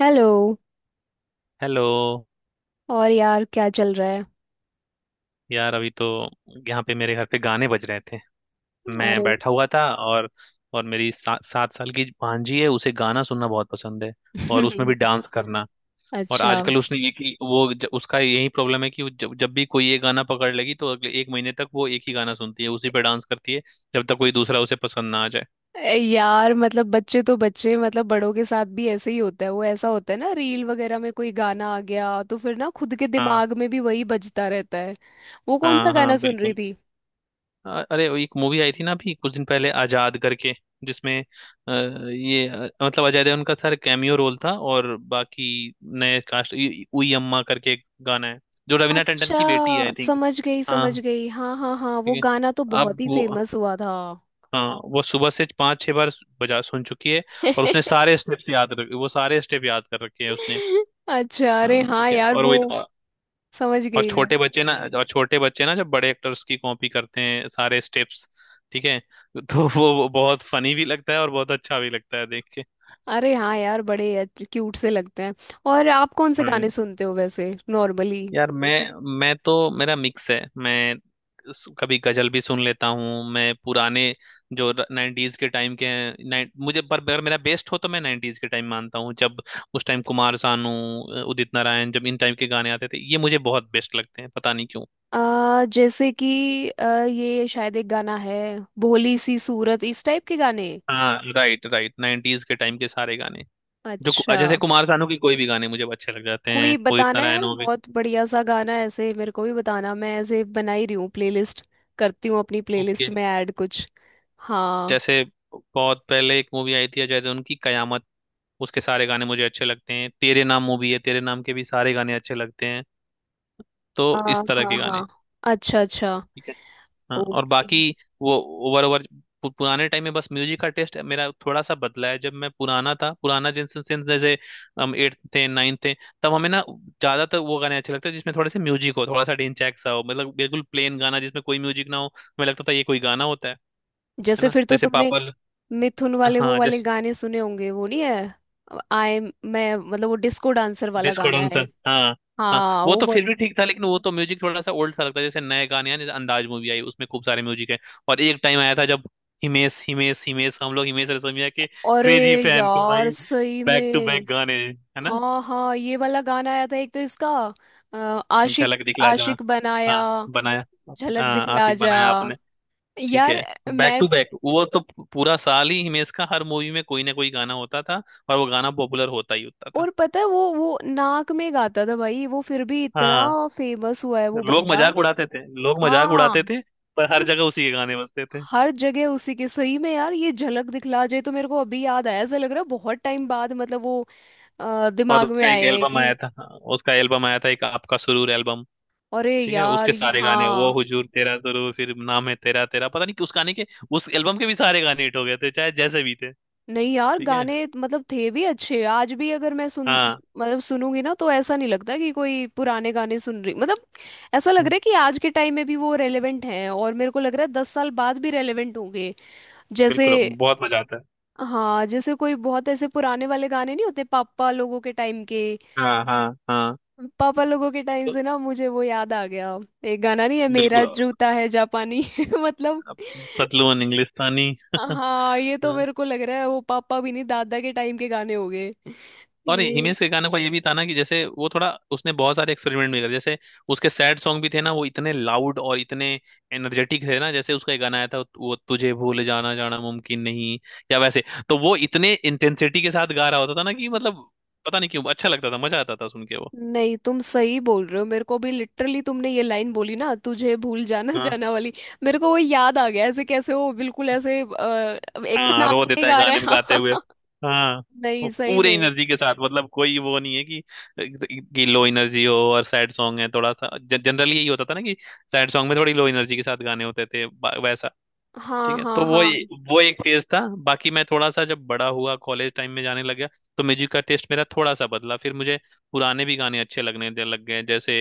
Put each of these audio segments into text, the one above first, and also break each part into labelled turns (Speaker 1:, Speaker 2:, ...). Speaker 1: Hello.
Speaker 2: Hello.
Speaker 1: और यार क्या चल रहा है?
Speaker 2: यार अभी तो यहाँ पे मेरे घर पे गाने बज रहे थे। मैं
Speaker 1: अरे।
Speaker 2: बैठा हुआ था। और मेरी 7 साल की भांजी है, उसे गाना सुनना बहुत पसंद है, और उसमें भी डांस करना। और
Speaker 1: अच्छा।
Speaker 2: आजकल उसने एक ही उसका यही प्रॉब्लम है कि वो जब जब भी कोई ये गाना पकड़ लेगी तो अगले एक महीने तक वो एक ही गाना सुनती है, उसी पे डांस करती है। जब तक कोई दूसरा उसे पसंद ना आ जाए।
Speaker 1: ए, यार मतलब बच्चे तो बच्चे, मतलब बड़ों के साथ भी ऐसे ही होता है, वो ऐसा होता है ना रील वगैरह में कोई गाना आ गया तो फिर ना खुद के
Speaker 2: हाँ
Speaker 1: दिमाग में भी वही बजता रहता है। वो कौन सा
Speaker 2: हाँ हाँ,
Speaker 1: गाना सुन रही
Speaker 2: बिल्कुल।
Speaker 1: थी?
Speaker 2: अरे वो एक मूवी आई थी ना अभी कुछ दिन पहले, आजाद करके। जिसमें ये मतलब अजय देवगन का सर कैमियो रोल था और बाकी नए कास्ट। उई अम्मा करके एक गाना है, जो रवीना टंडन की बेटी है आई
Speaker 1: अच्छा।
Speaker 2: थिंक।
Speaker 1: समझ गई
Speaker 2: हाँ,
Speaker 1: समझ गई, हाँ हाँ हाँ, वो
Speaker 2: ठीक है।
Speaker 1: गाना तो बहुत
Speaker 2: अब
Speaker 1: ही
Speaker 2: वो,
Speaker 1: फेमस हुआ था।
Speaker 2: हाँ वो सुबह से 5-6 बार बजा सुन चुकी है। और उसने सारे स्टेप्स याद रखे, वो सारे स्टेप याद कर रखे हैं उसने।
Speaker 1: अच्छा, अरे
Speaker 2: हाँ, ठीक
Speaker 1: हाँ
Speaker 2: है।
Speaker 1: यार
Speaker 2: और वो
Speaker 1: वो समझ
Speaker 2: और
Speaker 1: गई।
Speaker 2: छोटे बच्चे ना, और छोटे बच्चे ना जब बड़े एक्टर्स की कॉपी करते हैं सारे स्टेप्स। ठीक है। तो वो बहुत फनी भी लगता है और बहुत अच्छा भी लगता है देख के।
Speaker 1: अरे हाँ यार, बड़े क्यूट से लगते हैं। और आप कौन से
Speaker 2: हम्म।
Speaker 1: गाने सुनते हो वैसे नॉर्मली?
Speaker 2: यार मैं तो मेरा मिक्स है। मैं कभी गजल भी सुन लेता हूँ। मैं पुराने जो नाइन्टीज के टाइम के हैं, मुझे पर अगर मेरा बेस्ट हो तो मैं नाइन्टीज के टाइम मानता हूँ। जब उस टाइम कुमार सानू, उदित नारायण, जब इन टाइम के गाने आते थे, ये मुझे बहुत बेस्ट लगते हैं, पता नहीं क्यों।
Speaker 1: जैसे कि ये शायद एक गाना है, भोली सी सूरत, इस टाइप के गाने।
Speaker 2: हाँ, राइट राइट, नाइन्टीज के टाइम के सारे गाने।
Speaker 1: अच्छा।
Speaker 2: जैसे कुमार सानू की कोई भी गाने मुझे अच्छे लग जाते
Speaker 1: कोई
Speaker 2: हैं, उदित
Speaker 1: बताना
Speaker 2: नारायण
Speaker 1: यार,
Speaker 2: हो गए।
Speaker 1: बहुत बढ़िया सा गाना है, ऐसे मेरे को भी बताना, मैं ऐसे बना ही रही हूँ प्लेलिस्ट, करती हूँ अपनी प्लेलिस्ट
Speaker 2: ओके।
Speaker 1: में ऐड कुछ। हाँ।
Speaker 2: जैसे बहुत पहले एक मूवी आई थी अजय देवगन की, कयामत। उसके सारे गाने मुझे अच्छे लगते हैं। तेरे नाम मूवी है, तेरे नाम के भी सारे गाने अच्छे लगते हैं। तो
Speaker 1: आ,
Speaker 2: इस तरह
Speaker 1: हाँ
Speaker 2: के गाने।
Speaker 1: हाँ। अच्छा अच्छा।
Speaker 2: हाँ और
Speaker 1: ओके।
Speaker 2: बाकी वो ओवर ओवर पुराने टाइम में बस म्यूजिक का टेस्ट मेरा थोड़ा सा बदला है। जब मैं पुराना था, पुराना जिनसे since जैसे हम एट्थ थे, नाइन्थ थे, तब हमें ना ज्यादातर वो गाने अच्छे लगते थे जिसमें थोड़े से म्यूजिक हो, थोड़ा सा डिंचैक सा हो। मतलब बिल्कुल प्लेन गाना जिसमें कोई म्यूजिक ना हो, हमें लगता था ये कोई गाना होता है
Speaker 1: जैसे
Speaker 2: ना?
Speaker 1: फिर तो तुमने मिथुन वाले वो
Speaker 2: हाँ,
Speaker 1: वाले गाने सुने होंगे, वो नहीं है? आई मैं मतलब वो डिस्को डांसर वाला
Speaker 2: डिस्को
Speaker 1: गाना है
Speaker 2: डांसर,
Speaker 1: एक।
Speaker 2: हाँ। हाँ
Speaker 1: हाँ
Speaker 2: वो
Speaker 1: वो
Speaker 2: तो
Speaker 1: बहुत।
Speaker 2: फिर भी ठीक था, लेकिन वो तो म्यूजिक थोड़ा सा ओल्ड सा लगता है। जैसे नए गाने हैं, जैसे अंदाज मूवी आई उसमें खूब सारे म्यूजिक है। और एक टाइम आया था जब हिमेश हिमेश हिमेश, हम लोग हिमेश रेशमिया के
Speaker 1: अरे
Speaker 2: क्रेजी फैन थे भाई।
Speaker 1: यार सही
Speaker 2: बैक टू बैक
Speaker 1: में।
Speaker 2: गाने है ना।
Speaker 1: हाँ हाँ ये वाला गाना आया था एक, तो इसका अ, आशिक,
Speaker 2: झलक दिखला जहाँ,
Speaker 1: आशिक बनाया,
Speaker 2: हाँ, बनाया,
Speaker 1: झलक
Speaker 2: हाँ
Speaker 1: दिखला
Speaker 2: आशिक
Speaker 1: जा।
Speaker 2: बनाया आपने। ठीक
Speaker 1: यार
Speaker 2: है। बैक
Speaker 1: मैं।
Speaker 2: टू बैक वो तो पूरा साल ही हिमेश का हर मूवी में कोई ना कोई गाना होता था, और वो गाना पॉपुलर होता ही होता था।
Speaker 1: और पता है वो नाक में गाता था भाई, वो फिर भी इतना
Speaker 2: हाँ,
Speaker 1: फेमस हुआ है वो
Speaker 2: लोग
Speaker 1: बंदा।
Speaker 2: मजाक उड़ाते थे, लोग मजाक
Speaker 1: हाँ
Speaker 2: उड़ाते थे, पर हर जगह उसी के गाने बजते थे।
Speaker 1: हर जगह उसी के, सही में यार ये झलक दिखला जाए तो मेरे को अभी याद आया, ऐसा लग रहा है बहुत टाइम बाद मतलब वो
Speaker 2: और
Speaker 1: दिमाग में
Speaker 2: उसका
Speaker 1: आए
Speaker 2: एक
Speaker 1: हैं
Speaker 2: एल्बम
Speaker 1: कि।
Speaker 2: आया था, हाँ, उसका एल्बम आया था एक, आपका सुरूर एल्बम।
Speaker 1: अरे
Speaker 2: ठीक है
Speaker 1: यार
Speaker 2: उसके सारे गाने, वो
Speaker 1: हाँ।
Speaker 2: हुजूर तेरा सुरूर, फिर नाम है तेरा तेरा, पता नहीं कि उस गाने के, उस एल्बम के भी सारे गाने हिट हो गए थे, चाहे जैसे भी थे।
Speaker 1: नहीं यार,
Speaker 2: ठीक है।
Speaker 1: गाने मतलब थे भी अच्छे, आज भी अगर मैं सुन
Speaker 2: हाँ
Speaker 1: मतलब सुनूंगी ना तो ऐसा नहीं लगता कि कोई पुराने गाने सुन रही, मतलब ऐसा लग रहा है कि आज के टाइम में भी वो रेलेवेंट हैं, और मेरे को लग रहा है दस साल बाद भी रेलेवेंट होंगे। जैसे
Speaker 2: बिल्कुल, बहुत मजा आता है।
Speaker 1: हाँ, जैसे कोई बहुत ऐसे पुराने वाले गाने नहीं होते पापा लोगों के टाइम के।
Speaker 2: हाँ हाँ हाँ।
Speaker 1: पापा लोगों के टाइम
Speaker 2: तो
Speaker 1: से ना मुझे वो याद आ गया, एक गाना नहीं है
Speaker 2: बिल्कुल।
Speaker 1: मेरा जूता है जापानी। मतलब
Speaker 2: अब पतलू और इंग्लिस्तानी।
Speaker 1: हाँ, ये तो
Speaker 2: हाँ,
Speaker 1: मेरे को लग रहा है वो पापा भी नहीं दादा के टाइम के गाने हो गए
Speaker 2: और
Speaker 1: ये।
Speaker 2: हिमेश के गाने का ये भी था ना कि जैसे वो थोड़ा, उसने बहुत सारे एक्सपेरिमेंट भी करे। जैसे उसके सैड सॉन्ग भी थे ना, वो इतने लाउड और इतने एनर्जेटिक थे ना। जैसे उसका एक गाना आया था वो, तुझे भूल जाना जाना मुमकिन नहीं, या वैसे। तो वो इतने इंटेंसिटी के साथ गा रहा होता था ना कि मतलब पता नहीं क्यों अच्छा लगता था, मजा आता था सुन के।
Speaker 1: नहीं तुम सही बोल रहे हो, मेरे को भी लिटरली तुमने ये लाइन बोली ना तुझे भूल जाना
Speaker 2: वो,
Speaker 1: जाना वाली, मेरे को वो याद आ गया, ऐसे कैसे हो बिल्कुल, ऐसे एक तो
Speaker 2: हाँ रो
Speaker 1: नाक में
Speaker 2: देता है
Speaker 1: गा रहे
Speaker 2: गाने में गाते हुए।
Speaker 1: हैं।
Speaker 2: हाँ
Speaker 1: नहीं
Speaker 2: वो
Speaker 1: सही
Speaker 2: पूरे
Speaker 1: में,
Speaker 2: एनर्जी के साथ, मतलब कोई वो नहीं है कि लो एनर्जी हो और सैड सॉन्ग है। थोड़ा सा जनरली यही होता था ना कि सैड सॉन्ग में थोड़ी लो एनर्जी के साथ गाने होते थे, वैसा।
Speaker 1: हाँ
Speaker 2: ठीक है।
Speaker 1: हाँ
Speaker 2: तो वो
Speaker 1: हाँ।
Speaker 2: वो एक फेज था। बाकी मैं थोड़ा सा जब बड़ा हुआ, कॉलेज टाइम में जाने लग गया, तो म्यूजिक का टेस्ट मेरा थोड़ा सा बदला। फिर मुझे पुराने भी गाने अच्छे लग गए। जैसे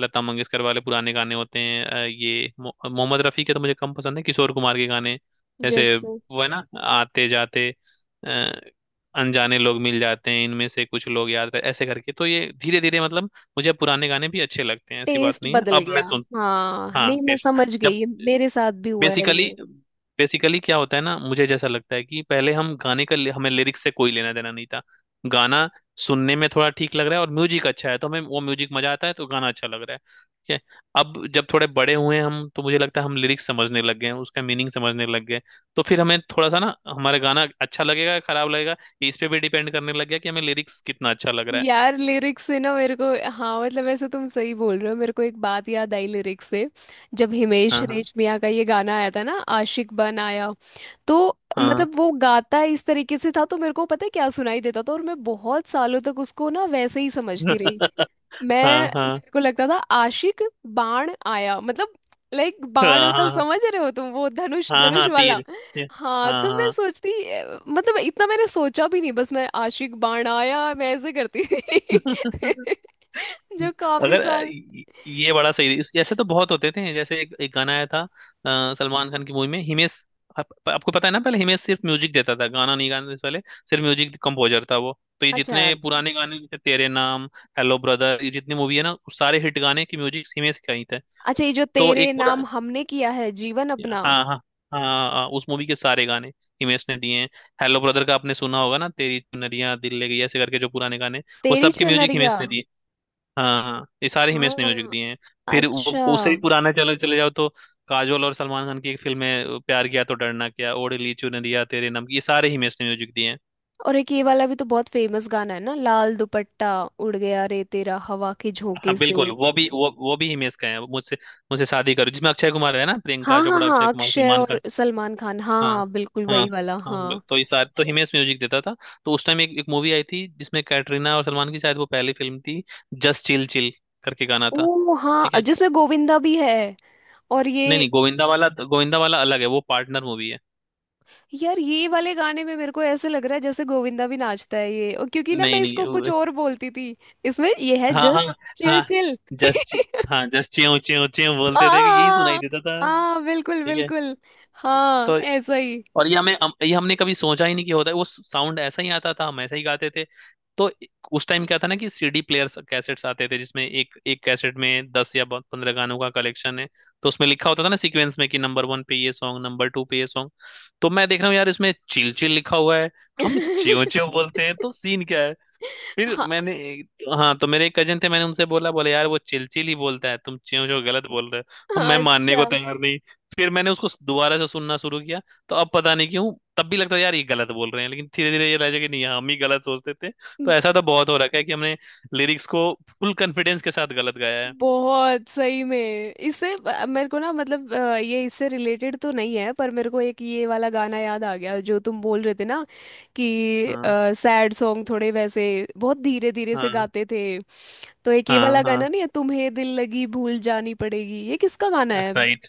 Speaker 2: लता मंगेशकर वाले पुराने गाने होते हैं, ये मोहम्मद रफी के तो मुझे कम पसंद है, किशोर कुमार के गाने, जैसे
Speaker 1: जैसे
Speaker 2: वो है ना, आते जाते अ, अनजाने लोग मिल जाते हैं, इनमें से कुछ लोग याद रहे, ऐसे करके। तो ये धीरे धीरे, मतलब मुझे पुराने गाने भी अच्छे लगते हैं, ऐसी बात
Speaker 1: टेस्ट
Speaker 2: नहीं है,
Speaker 1: बदल
Speaker 2: अब
Speaker 1: गया,
Speaker 2: मैं सुन।
Speaker 1: हाँ
Speaker 2: हाँ
Speaker 1: नहीं मैं
Speaker 2: फिर
Speaker 1: समझ गई,
Speaker 2: जब
Speaker 1: ये मेरे साथ भी हुआ है
Speaker 2: बेसिकली,
Speaker 1: ये।
Speaker 2: बेसिकली क्या होता है ना, मुझे जैसा लगता है कि पहले हम गाने का, हमें लिरिक्स से कोई लेना देना नहीं था। गाना सुनने में थोड़ा ठीक लग रहा है और म्यूजिक अच्छा है, तो हमें वो म्यूजिक मजा आता है, तो गाना अच्छा लग रहा है। ठीक है। अब जब थोड़े बड़े हुए हम, तो मुझे लगता है हम लिरिक्स समझने लग गए हैं, उसका मीनिंग समझने लग गए। तो फिर हमें थोड़ा सा ना, हमारा गाना अच्छा लगेगा या खराब लगेगा, ये इस पे भी डिपेंड करने लग गया कि हमें लिरिक्स कितना अच्छा लग रहा है।
Speaker 1: यार लिरिक्स से ना मेरे को, हाँ मतलब ऐसे तुम सही बोल रहे हो, मेरे को एक बात याद आई लिरिक्स से। जब हिमेश
Speaker 2: हाँ हाँ
Speaker 1: रेशमिया का ये गाना आया था ना, आशिक बन आया, तो
Speaker 2: हाँ।
Speaker 1: मतलब वो गाता इस तरीके से था तो मेरे को पता है क्या सुनाई देता था, और मैं बहुत सालों तक उसको ना वैसे ही समझती रही।
Speaker 2: हाँ
Speaker 1: मैं,
Speaker 2: हाँ
Speaker 1: मेरे को लगता था आशिक बाण आया, मतलब लाइक बाण,
Speaker 2: हाँ
Speaker 1: मतलब
Speaker 2: हाँ
Speaker 1: समझ रहे हो तुम, वो धनुष,
Speaker 2: हाँ
Speaker 1: धनुष
Speaker 2: हाँ,
Speaker 1: वाला।
Speaker 2: तीर, तीर,
Speaker 1: हाँ तो मैं
Speaker 2: हाँ
Speaker 1: सोचती मतलब इतना मैंने सोचा भी नहीं, बस मैं आशिक बाण आया मैं ऐसे करती थी।
Speaker 2: हाँ।
Speaker 1: जो काफी
Speaker 2: अगर
Speaker 1: साल।
Speaker 2: ये बड़ा सही ऐसे तो बहुत होते थे। जैसे एक, एक गाना आया था सलमान खान की मूवी में, हिमेश। आपको पता है ना, पहले हिमेश सिर्फ म्यूजिक देता था, गाना नहीं गाने से पहले, सिर्फ म्यूजिक कंपोजर था वो। तो ये
Speaker 1: अच्छा
Speaker 2: जितने पुराने गाने, जैसे तेरे नाम, हेलो ब्रदर, ये जितनी मूवी है ना, उस सारे हिट गाने की म्यूजिक हिमेश का ही थे।
Speaker 1: अच्छा। ये जो
Speaker 2: तो
Speaker 1: तेरे
Speaker 2: एक पूरा,
Speaker 1: नाम हमने किया है जीवन अपना,
Speaker 2: हाँ हाँ हाँ, हाँ, उस मूवी के सारे गाने हिमेश ने दिए हैं। हेलो ब्रदर का आपने सुना होगा ना, तेरी चुनरिया दिल ले गई, ऐसे करके, जो पुराने गाने, वो
Speaker 1: तेरी
Speaker 2: सबके म्यूजिक
Speaker 1: चुनरिया,
Speaker 2: हिमेश ने दिए। हाँ हाँ, ये सारे हिमेश ने म्यूजिक
Speaker 1: हाँ
Speaker 2: दिए हैं। फिर वो
Speaker 1: अच्छा।
Speaker 2: उससे ही पुराना, चले चले जाओ, तो काजोल और सलमान खान की एक फिल्म है, प्यार किया तो डरना क्या, ओढ़ ली चुन लिया, तेरे नाम की, ये सारे हिमेश ने म्यूजिक दिए हैं।
Speaker 1: और एक ये वाला भी तो बहुत फेमस गाना है ना, लाल दुपट्टा उड़ गया रे तेरा हवा के
Speaker 2: हाँ
Speaker 1: झोंके से।
Speaker 2: बिल्कुल, वो भी, वो भी हिमेश का है, मुझसे, मुझसे शादी करो जिसमें अक्षय कुमार है ना,
Speaker 1: हाँ
Speaker 2: प्रियंका
Speaker 1: हाँ
Speaker 2: चोपड़ा,
Speaker 1: हाँ,
Speaker 2: अक्षय कुमार,
Speaker 1: अक्षय
Speaker 2: सलमान
Speaker 1: और
Speaker 2: खान।
Speaker 1: सलमान खान, हाँ
Speaker 2: हाँ
Speaker 1: हाँ बिल्कुल
Speaker 2: हाँ
Speaker 1: वही वाला,
Speaker 2: हाँ।
Speaker 1: हाँ।
Speaker 2: तो ये सारे तो हिमेश म्यूजिक देता था। तो उस टाइम एक एक मूवी आई थी जिसमें कैटरीना और सलमान की, शायद वो पहली फिल्म थी, जस्ट चिल चिल करके गाना था।
Speaker 1: ओ
Speaker 2: ठीक
Speaker 1: हाँ
Speaker 2: है।
Speaker 1: जिसमें गोविंदा भी है, और ये
Speaker 2: नहीं नहीं, गोविंदा वाला, गोविंदा वाला अलग है, वो पार्टनर मूवी है।
Speaker 1: यार ये वाले गाने में मेरे को ऐसे लग रहा है जैसे गोविंदा भी नाचता है ये, और क्योंकि ना मैं
Speaker 2: नहीं नहीं
Speaker 1: इसको कुछ
Speaker 2: वो,
Speaker 1: और बोलती थी। इसमें ये है
Speaker 2: हाँ हाँ
Speaker 1: जस्ट चिल
Speaker 2: हाँ,
Speaker 1: चिल।
Speaker 2: जस्ट, हाँ जस्ट च्यों च्यों च्यों बोलते थे कि यही सुनाई
Speaker 1: हाँ
Speaker 2: देता था।
Speaker 1: हाँ बिल्कुल
Speaker 2: ठीक है।
Speaker 1: बिल्कुल। हाँ
Speaker 2: तो
Speaker 1: ऐसा ही।
Speaker 2: और ये हमें ये हमने कभी सोचा ही नहीं कि होता है, वो साउंड ऐसा ही आता था, हम ऐसा ही गाते थे। तो उस टाइम क्या था ना कि सीडी प्लेयर्स, कैसेट्स आते थे, जिसमें एक एक कैसेट में 10 या 15 गानों का कलेक्शन है। तो उसमें लिखा होता था ना सीक्वेंस में कि नंबर वन पे ये सॉन्ग, नंबर टू पे ये सॉन्ग। तो मैं देख रहा हूँ यार इसमें चिल चिल लिखा हुआ है, हम च्यों च्यों बोलते हैं, तो सीन क्या। फिर
Speaker 1: हाँ
Speaker 2: मैंने, हाँ तो मेरे एक कजन थे, मैंने उनसे बोला, बोले यार वो चिलचिल ही बोलता है, तुम च्यों च्यों गलत बोल रहे हो। अब मैं
Speaker 1: हाँ,
Speaker 2: मानने को
Speaker 1: अच्छा।
Speaker 2: तैयार नहीं। फिर मैंने उसको दोबारा से सुनना शुरू किया। तो अब पता नहीं क्यों तब भी लगता है यार ये गलत बोल रहे हैं, लेकिन धीरे धीरे ये लगा कि नहीं, हम ही गलत सोचते थे। तो ऐसा तो बहुत हो रखा है कि हमने लिरिक्स को फुल कॉन्फिडेंस के साथ गलत गाया है।
Speaker 1: बहुत सही में, इससे मेरे को ना, मतलब ये इससे रिलेटेड तो नहीं है, पर मेरे को एक ये वाला गाना याद आ गया जो तुम बोल रहे थे ना कि
Speaker 2: हाँ
Speaker 1: सैड सॉन्ग थोड़े वैसे बहुत धीरे धीरे से
Speaker 2: हाँ
Speaker 1: गाते थे। तो एक ये
Speaker 2: हाँ,
Speaker 1: वाला
Speaker 2: हाँ
Speaker 1: गाना नहीं है, तुम्हें दिल लगी भूल जानी पड़ेगी, ये किसका गाना है?
Speaker 2: राइट,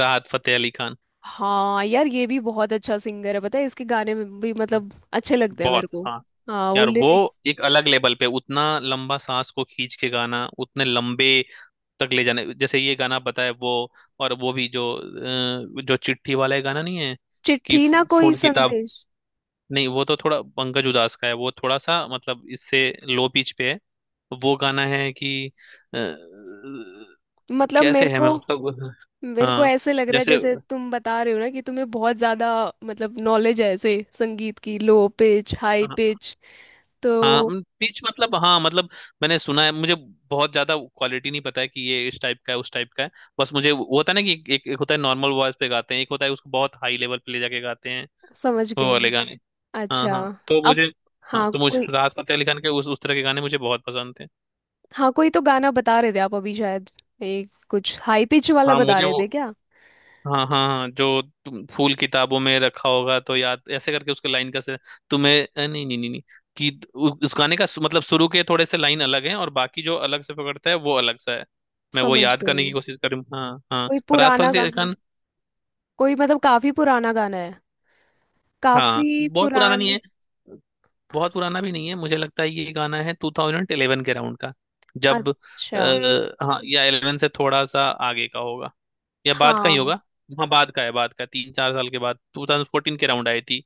Speaker 2: राहत फतेह अली खान।
Speaker 1: हाँ यार ये भी बहुत अच्छा सिंगर है, पता है इसके गाने में भी
Speaker 2: हाँ,
Speaker 1: मतलब अच्छे लगते हैं मेरे
Speaker 2: बहुत
Speaker 1: को।
Speaker 2: हाँ।
Speaker 1: हाँ वो
Speaker 2: यार वो
Speaker 1: लिरिक्स।
Speaker 2: एक अलग लेवल पे उतना लंबा सांस को खींच के गाना, उतने लंबे तक ले जाने, जैसे ये गाना बताया वो। और वो भी जो जो चिट्ठी वाला है गाना, नहीं है कि
Speaker 1: चिट्ठी ना कोई
Speaker 2: फूल किताब,
Speaker 1: संदेश।
Speaker 2: नहीं वो तो थोड़ा पंकज उधास का है, वो थोड़ा सा मतलब इससे लो पिच पे है। वो गाना है कि अ,
Speaker 1: मतलब
Speaker 2: कैसे
Speaker 1: मेरे
Speaker 2: है, मैं
Speaker 1: को,
Speaker 2: उसका।
Speaker 1: मेरे को
Speaker 2: हाँ
Speaker 1: ऐसे लग रहा है
Speaker 2: जैसे,
Speaker 1: जैसे
Speaker 2: हाँ
Speaker 1: तुम बता रहे हो ना कि तुम्हें बहुत ज्यादा, मतलब नॉलेज है ऐसे संगीत की, लो पिच हाई पिच, तो
Speaker 2: हाँ, पिच मतलब हाँ, मतलब मैंने सुना है, मुझे बहुत ज्यादा क्वालिटी नहीं पता है कि ये इस टाइप का है उस टाइप का है। बस मुझे वो होता है ना कि एक, एक होता है नॉर्मल वॉइस पे गाते हैं, एक होता है उसको बहुत हाई लेवल पे ले जाके गाते हैं।
Speaker 1: समझ
Speaker 2: वो
Speaker 1: गई।
Speaker 2: वाले गाने। हाँ
Speaker 1: अच्छा
Speaker 2: हाँ तो
Speaker 1: अब।
Speaker 2: मुझे, हाँ
Speaker 1: हाँ
Speaker 2: तो मुझे
Speaker 1: कोई।
Speaker 2: राहत फतेह अली खान के उस तरह के गाने मुझे बहुत पसंद थे।
Speaker 1: हाँ कोई तो गाना बता रहे थे आप अभी शायद, एक कुछ हाई पिच वाला
Speaker 2: हाँ
Speaker 1: बता
Speaker 2: मुझे
Speaker 1: रहे
Speaker 2: वो,
Speaker 1: थे क्या?
Speaker 2: हाँ हाँ हाँ, जो तुम फूल किताबों में रखा होगा तो याद, ऐसे करके उसके लाइन का से। तुम्हें नहीं नहीं नहीं नहीं, कि उस गाने का मतलब शुरू के थोड़े से लाइन अलग हैं, और बाकी जो अलग से पकड़ता है वो अलग सा है। मैं वो
Speaker 1: समझ
Speaker 2: याद करने की
Speaker 1: गई।
Speaker 2: कोशिश करूँ। हाँ हाँ,
Speaker 1: कोई
Speaker 2: पर राहत
Speaker 1: पुराना
Speaker 2: फतेह अली
Speaker 1: गाना?
Speaker 2: खान।
Speaker 1: कोई मतलब काफी पुराना गाना है,
Speaker 2: हाँ
Speaker 1: काफी
Speaker 2: बहुत पुराना नहीं
Speaker 1: पुराने।
Speaker 2: है, बहुत पुराना भी नहीं है। मुझे लगता है ये गाना है 2011 के अराउंड का। जब
Speaker 1: अच्छा
Speaker 2: हाँ, या 11 से थोड़ा सा आगे का होगा या बाद का ही
Speaker 1: हाँ।
Speaker 2: होगा। हाँ बाद का है, बाद का 3-4 साल के बाद, 2014 के अराउंड आई थी।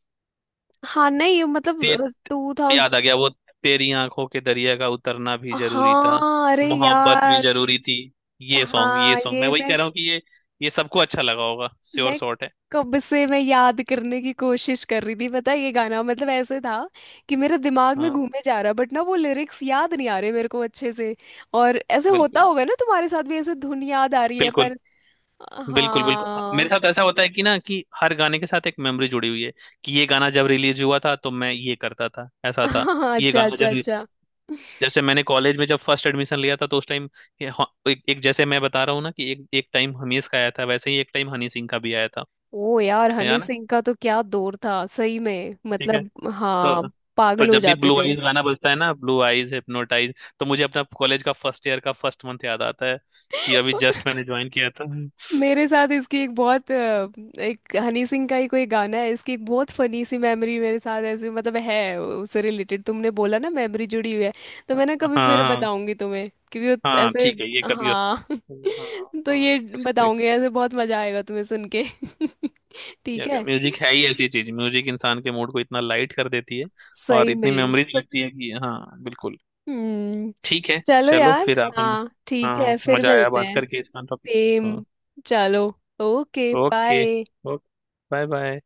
Speaker 1: हाँ नहीं
Speaker 2: ते,
Speaker 1: मतलब टू
Speaker 2: याद आ
Speaker 1: थाउजेंड।
Speaker 2: गया वो, तेरी आंखों के दरिया का उतरना भी जरूरी था,
Speaker 1: हाँ अरे
Speaker 2: मोहब्बत भी
Speaker 1: यार।
Speaker 2: जरूरी थी। ये सॉन्ग, ये
Speaker 1: हाँ
Speaker 2: सॉन्ग मैं
Speaker 1: ये
Speaker 2: वही
Speaker 1: मैं
Speaker 2: कह रहा हूँ कि ये सबको अच्छा लगा होगा, श्योर
Speaker 1: मैं
Speaker 2: शॉट है।
Speaker 1: कब से मैं याद करने की कोशिश कर रही थी, पता है ये गाना मतलब ऐसे था कि मेरे दिमाग में
Speaker 2: हाँ
Speaker 1: घूमे जा रहा, बट ना वो लिरिक्स याद नहीं आ रहे मेरे को अच्छे से। और ऐसे होता
Speaker 2: बिल्कुल
Speaker 1: होगा ना तुम्हारे साथ भी, ऐसे धुन याद आ रही है
Speaker 2: बिल्कुल,
Speaker 1: पर,
Speaker 2: बिल्कुल बिल्कुल। मेरे
Speaker 1: हाँ।
Speaker 2: साथ ऐसा होता है कि ना कि हर गाने के साथ एक मेमोरी जुड़ी हुई है, कि ये गाना जब रिलीज हुआ था तो मैं ये करता था, ऐसा था।
Speaker 1: हाँ
Speaker 2: ये
Speaker 1: अच्छा
Speaker 2: गाना
Speaker 1: अच्छा
Speaker 2: जब,
Speaker 1: अच्छा।
Speaker 2: जैसे मैंने कॉलेज में जब फर्स्ट एडमिशन लिया था तो उस टाइम एक, एक जैसे मैं बता रहा हूँ ना कि एक एक टाइम हमीज का आया था, वैसे ही एक टाइम हनी सिंह का भी आया था।
Speaker 1: ओ यार
Speaker 2: है
Speaker 1: हनी
Speaker 2: ना।
Speaker 1: सिंह का तो क्या दौर था, सही में
Speaker 2: ठीक है।
Speaker 1: मतलब हाँ,
Speaker 2: तो तो
Speaker 1: पागल हो
Speaker 2: जब भी
Speaker 1: जाते
Speaker 2: ब्लू
Speaker 1: थे।
Speaker 2: आइज गाना बजता है ना, ब्लू आइज हिप्नोटाइज, तो मुझे अपना कॉलेज का फर्स्ट ईयर का फर्स्ट मंथ याद आता है, कि अभी जस्ट मैंने ज्वाइन किया था।
Speaker 1: मेरे साथ इसकी एक बहुत एक हनी सिंह का ही कोई गाना है, इसकी एक बहुत फनी सी मेमोरी मेरे साथ ऐसे मतलब है उससे रिलेटेड, तुमने बोला ना मेमोरी जुड़ी हुई है, तो मैं ना
Speaker 2: हाँ
Speaker 1: कभी फिर
Speaker 2: हाँ
Speaker 1: बताऊंगी तुम्हें, क्योंकि वो
Speaker 2: हाँ,
Speaker 1: ऐसे,
Speaker 2: ठीक है, ये कभी।
Speaker 1: हाँ।
Speaker 2: हाँ
Speaker 1: तो
Speaker 2: हाँ,
Speaker 1: ये
Speaker 2: करेक्ट।
Speaker 1: बताऊंगी, ऐसे बहुत मजा आएगा तुम्हें सुन के।
Speaker 2: या
Speaker 1: ठीक
Speaker 2: क्या
Speaker 1: है
Speaker 2: म्यूजिक है ही ऐसी चीज, म्यूजिक इंसान के मूड को इतना लाइट कर देती है, और
Speaker 1: सही
Speaker 2: इतनी
Speaker 1: में।
Speaker 2: मेमोरीज लगती है कि हाँ बिल्कुल।
Speaker 1: हम्म।
Speaker 2: ठीक है,
Speaker 1: चलो
Speaker 2: चलो
Speaker 1: यार।
Speaker 2: फिर आप हम।
Speaker 1: हाँ ठीक है
Speaker 2: हाँ
Speaker 1: फिर
Speaker 2: मजा आया
Speaker 1: मिलते
Speaker 2: बात
Speaker 1: हैं।
Speaker 2: करके, इसका टॉपिक।
Speaker 1: सेम। चलो। Okay
Speaker 2: okay
Speaker 1: bye.
Speaker 2: Okay, bye bye.